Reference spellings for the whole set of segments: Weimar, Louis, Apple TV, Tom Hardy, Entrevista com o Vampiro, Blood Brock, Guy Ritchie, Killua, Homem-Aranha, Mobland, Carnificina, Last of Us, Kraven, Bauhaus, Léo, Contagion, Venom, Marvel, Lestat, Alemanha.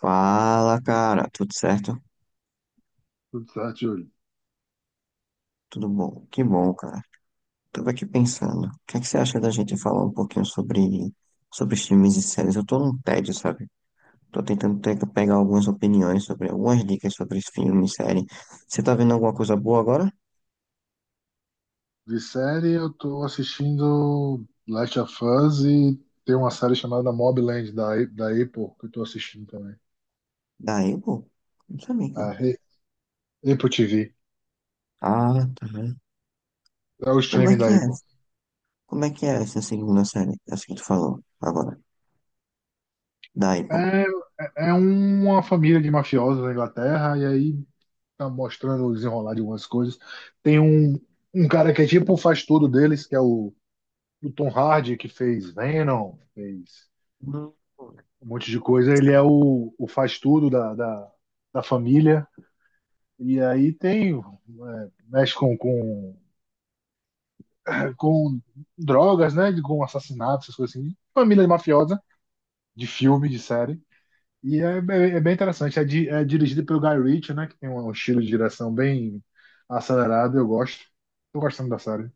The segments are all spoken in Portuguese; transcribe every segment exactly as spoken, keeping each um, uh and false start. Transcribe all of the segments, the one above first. Fala, cara, tudo certo? Tudo certo, Júlio. Tudo bom? Que bom, cara. Tava aqui pensando, o que é que você acha da gente falar um pouquinho sobre, sobre filmes e séries? Eu tô num tédio, sabe? Tô tentando te- pegar algumas opiniões sobre, algumas dicas sobre filmes e série. Você tá vendo alguma coisa boa agora? De série, eu tô assistindo Last of Us e tem uma série chamada Mobland da, A- da Apple que eu tô assistindo também. Daí, pô, não sabia. A que- Re- Apple T V. Ah, tá. É o Como é streaming da que é? Apple. Como é que é essa segunda série? Essa que tu falou agora. Daí, pô. É, é é uma família de mafiosos na Inglaterra e aí tá mostrando o desenrolar de algumas coisas. Tem um, um cara que é tipo o faz tudo deles, que é o, o Tom Hardy, que fez Venom, fez Hum. um monte de coisa. Ele é o, o faz tudo da, da, da família. E aí tem, é, mexe com, com, com drogas, né? Com assassinatos, essas coisas assim. Família mafiosa, de filme, de série. E é, bem- é bem interessante. É, di- é dirigido pelo Guy Ritchie, né? Que tem um estilo de direção bem acelerado. Eu gosto. Tô gostando da série.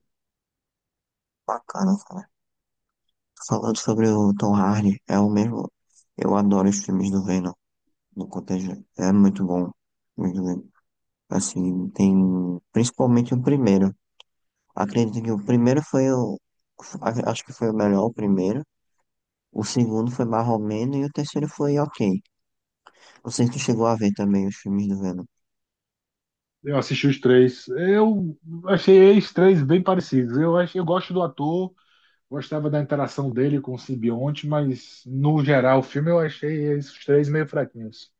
Bacana. Falando sobre o Tom Hardy, é o mesmo. Eu adoro os filmes do Venom, do Contagion. É muito bom. Muito bem. Assim, tem. Principalmente o primeiro. Acredito que o primeiro foi o. a- Acho que foi o melhor, o primeiro. O segundo foi mais ou menos e o terceiro foi ok. Não sei se tu chegou a ver também os filmes do Venom. Eu assisti os três. Eu achei os três bem parecidos. Eu, achei, eu gosto do ator, gostava da interação dele com o simbionte, mas no geral o filme eu achei esses três meio fraquinhos.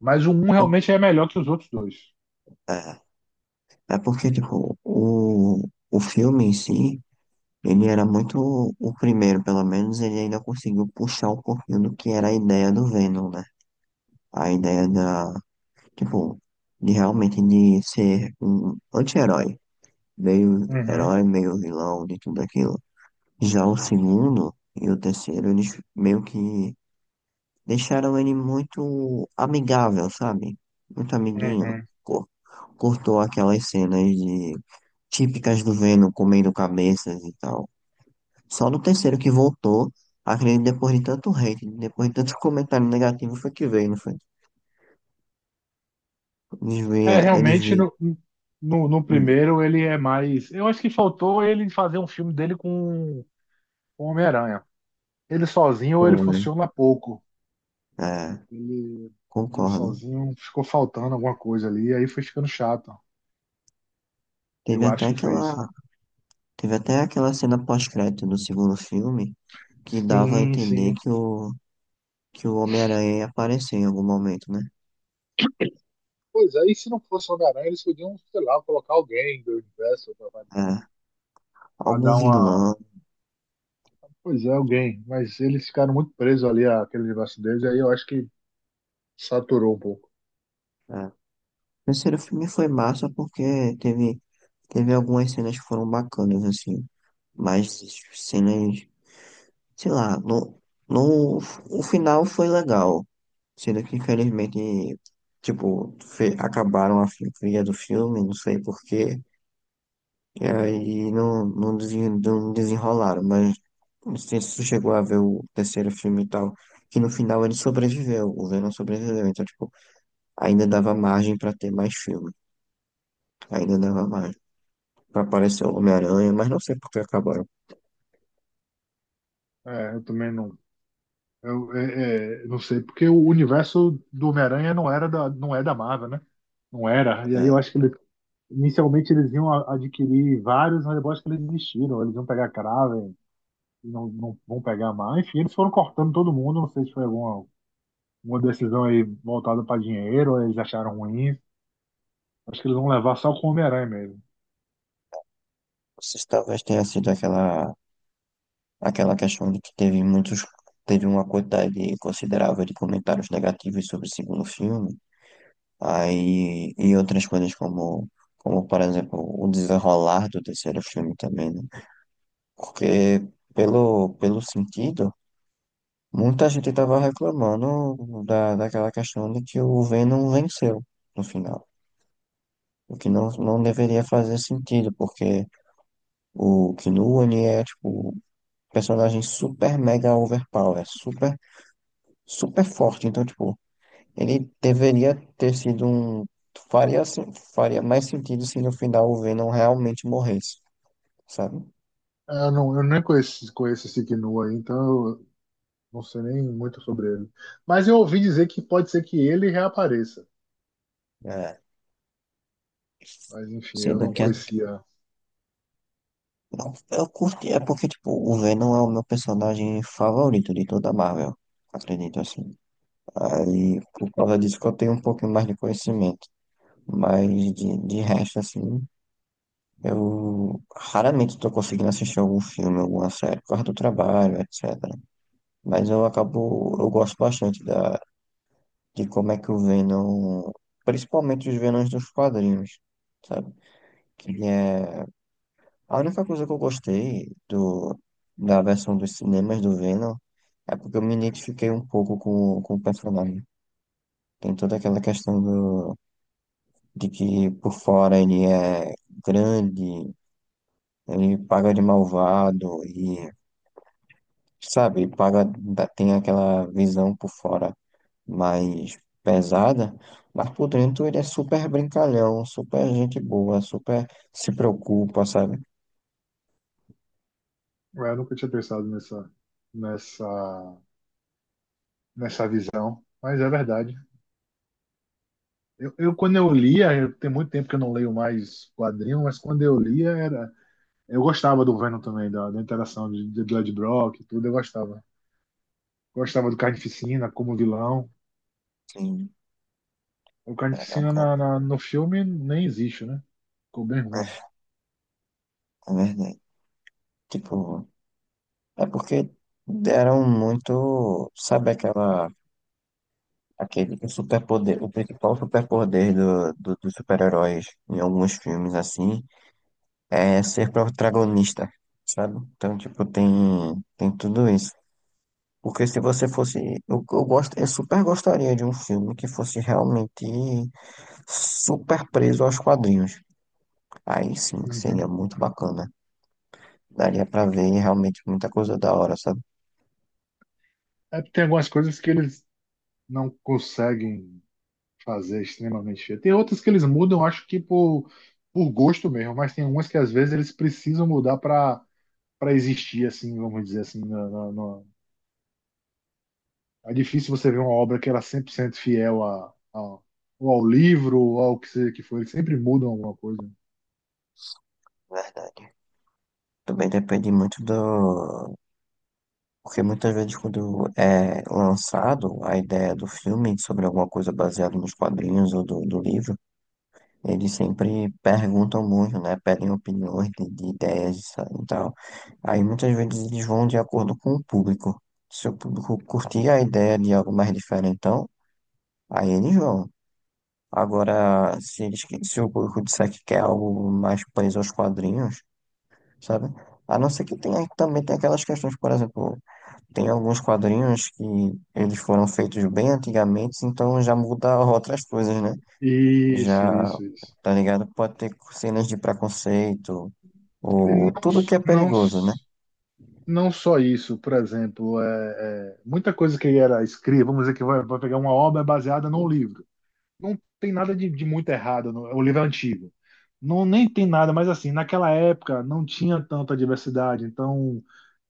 Mas o um Eu- realmente é melhor que os outros dois. é, é porque, tipo, o, o filme em si, ele era muito. O primeiro, pelo menos, ele ainda conseguiu puxar um pouquinho do que era a ideia do Venom, né? a ideia da, tipo, de realmente de ser um anti-herói, meio Uhum, herói, meio vilão, de tudo aquilo. Já o segundo e o terceiro, eles meio que deixaram ele muito amigável, sabe? Muito amiguinho. uhum. Cor- Cortou aquelas cenas de típicas do Venom comendo cabeças e tal. Só no terceiro que voltou, acredito que depois de tanto hate, depois de tanto comentário negativo, foi que veio, não foi? Eles É, vieram, eles realmente vieram. no, no, no Hum. primeiro ele é mais. Eu acho que faltou ele fazer um filme dele com com o Homem-Aranha. Ele sozinho ele Foi, funciona pouco. é, Ele, ele concordo. sozinho ficou faltando alguma coisa ali, aí foi ficando chato. Teve Eu até acho que foi isso, né? aquela, teve até aquela cena pós-crédito do segundo filme que dava a Sim, entender sim. que o, que o Homem-Aranha ia aparecer em algum momento, né? Pois aí, se não fosse o Homem-Aranha, eles podiam, sei lá, colocar alguém do universo para É, algum dar uma. vilão. Pois é, alguém. Mas eles ficaram muito presos ali àquele universo deles, e aí eu acho que saturou um pouco. É. O terceiro filme foi massa porque teve, teve algumas cenas que foram bacanas, assim, mas cenas sei lá, no, no, o final foi legal. Sendo que, infelizmente, tipo, fe- acabaram a filosofia do filme, não sei porquê, e aí não, não, desen- não desenrolaram, mas não sei se tu chegou a ver o terceiro filme e tal, que no final ele sobreviveu, o Venom sobreviveu, então, tipo, ainda dava margem pra ter mais filme, ainda dava margem. Pra aparecer o Homem-Aranha, mas não sei por que acabaram. É, eu também não. Eu é, é, não sei, porque o universo do Homem-Aranha não era da, não é da Marvel, né? Não era. E É, aí não eu acho que ele, inicialmente eles iam a- adquirir vários, mas eu acho que eles desistiram. Eles iam pegar Kraven, e não, não vão pegar mais. Enfim, eles foram cortando todo mundo. Não sei se foi alguma, uma decisão aí voltada para dinheiro, ou eles acharam ruim. Acho que eles vão levar só com o Homem-Aranha mesmo. sei se talvez tenha sido aquela. Aquela questão de que teve muitos, teve uma quantidade considerável de comentários negativos sobre o segundo filme, aí e outras coisas como, como por exemplo, o desenrolar do terceiro filme também, né? Porque pelo, pelo sentido, muita gente estava reclamando da, daquela questão de que o Venom venceu no final. O que não, não deveria fazer sentido, porque o Killua, ele é, tipo, um personagem super mega overpower, super super forte. Então, tipo, ele deveria ter sido um. Faria, sen- faria mais sentido se no final o Venom realmente morresse, sabe? Ah, eu, não, eu nem conheço, conheço esse Kinu aí, então eu não sei nem muito sobre ele. Mas eu ouvi dizer que pode ser que ele reapareça. É. Mas enfim, eu Sendo não que a- conhecia. não, eu curti, é porque, tipo, o Venom é o meu personagem favorito de toda a Marvel, acredito assim. Aí, por causa disso que eu tenho um pouquinho mais de conhecimento. Mas de, de resto, assim, eu raramente tô conseguindo assistir algum filme, alguma série, por causa do trabalho, et cetera. Mas eu acabo, eu gosto bastante da, de como é que o Venom, principalmente os Venoms dos quadrinhos, sabe? Que é a única coisa que eu gostei do, da versão dos cinemas do Venom é porque eu me identifiquei um pouco com, com o personagem. Tem toda aquela questão do, de que por fora ele é grande, ele paga de malvado e, sabe, paga, dá- tem aquela visão por fora mais pesada, mas por dentro ele é super brincalhão, super gente boa, super se preocupa, sabe? Eu nunca tinha pensado nessa, nessa, nessa visão. Mas é verdade. Eu, eu quando eu lia, eu- tem muito tempo que eu não leio mais quadrinho, mas quando eu lia era. Eu gostava do Venom também, da, da interação de, de Blood Brock e tudo, eu gostava. Gostava do Carnificina como vilão. Sim, O Carnificina caraca, na, na- no filme nem existe, né? Ficou bem ruim. é verdade. Tipo, é porque deram muito, sabe aquela, aquele superpoder, o principal superpoder do, do, dos super-heróis em alguns filmes, assim, é ser protagonista, sabe? Então, tipo, tem, tem tudo isso. Porque se você fosse. Eu, eu, gosto, eu super gostaria de um filme que fosse realmente super preso aos quadrinhos. Aí sim, seria Uhum. muito bacana. Daria pra ver realmente muita coisa da hora, sabe? É, tem algumas coisas que eles não conseguem fazer extremamente feio. Tem outras que eles mudam, acho que por, por gosto mesmo, mas tem umas que às vezes eles precisam mudar para para existir, assim, vamos dizer assim. na- na- na- É difícil você ver uma obra que ela é cem por cento fiel a, a- ou ao livro ou ao que, se- que for. Eles sempre mudam alguma coisa. Verdade. Também depende muito do. Porque muitas vezes, quando é lançado a ideia do filme sobre alguma coisa baseada nos quadrinhos ou do, do livro. Eles sempre perguntam muito, né? Pedem opiniões de, de ideias e tal. Aí muitas vezes eles vão de acordo com o público. Se o público curtir a ideia de algo mais diferentão, aí eles vão. Agora, se, eles, que- se o público disser que quer algo mais preso aos quadrinhos, sabe? A não ser que tenha, também tem aquelas questões, por exemplo, tem alguns quadrinhos que eles foram feitos bem antigamente, então já muda outras coisas, né? Já, Isso, isso, isso. tá ligado? Pode ter cenas de preconceito, E ou Não, tudo que é não perigoso, né? não só isso, por exemplo, é, é, muita coisa que era escrita, vamos dizer que vai, vai pegar uma obra baseada num livro. Não tem nada de, de muito errado, no- o livro é antigo. Não, nem tem nada, mas assim, naquela época não tinha tanta diversidade, então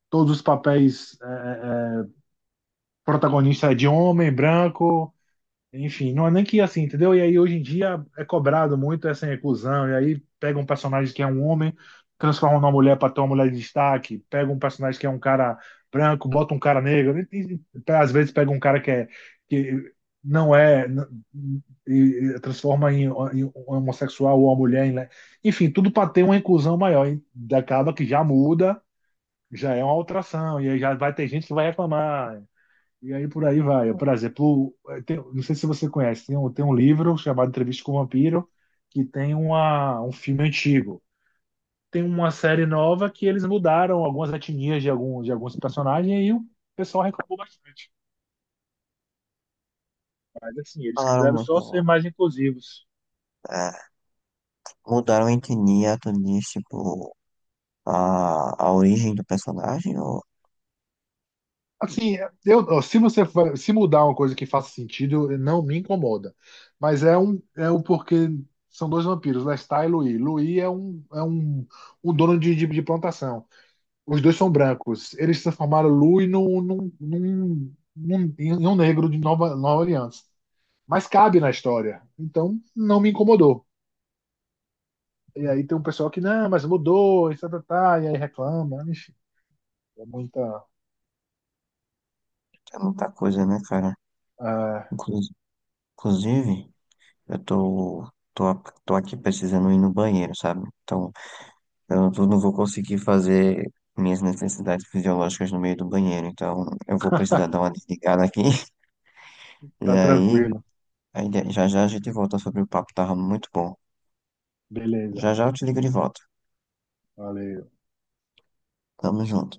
todos os papéis é, protagonistas é de homem branco, enfim, não é nem que assim, entendeu? E aí hoje em dia é cobrado muito essa inclusão, e aí pega um personagem que é um homem, transforma numa mulher para ter uma mulher de destaque, pega um personagem que é um cara branco, bota um cara negro, e, e, pe- às vezes pega um cara que é que não é n- e, e transforma em, em um homossexual ou uma mulher, em le- enfim, tudo para ter uma inclusão maior, e acaba que já muda, já é uma alteração, e aí já vai ter gente que vai reclamar. E aí por aí vai. Por exemplo, tem- não sei se você conhece, tem um, tem um livro chamado Entrevista com o Vampiro, que tem uma, um filme antigo. Tem uma série nova que eles mudaram algumas etnias de, algum, de alguns personagens e o pessoal reclamou bastante. Mas assim, eles Falaram quiseram só ser muito, mais inclusivos. é, mudaram a etnia, etnias, tipo, a, a origem do personagem, ou Assim, eu, se você fa- se mudar uma coisa que faça sentido, não me incomoda. Mas é um é o porque são dois vampiros, Lestat e Louis. Louis é um, é um um dono de, de de plantação. Os dois são brancos. Eles transformaram Louis num, num, num, num, em um negro de Nova, Nova Orleans. Mas cabe na história. Então, não me incomodou. E aí tem um pessoal que, não, mas mudou, e, tá, tá, tá", e aí reclama. Enfim, é muita. é muita coisa, né, cara? Ah, Inclu- Inclusive, eu tô, tô, a- tô aqui precisando ir no banheiro, sabe? Então, eu não tô- não vou conseguir fazer minhas necessidades fisiológicas no meio do banheiro, então eu vou precisar dar uma desligada aqui, e tá aí. tranquilo. A ideia- Já já a gente volta sobre o papo, tava muito bom. Beleza. Já já eu te ligo de volta. Valeu. Tamo junto.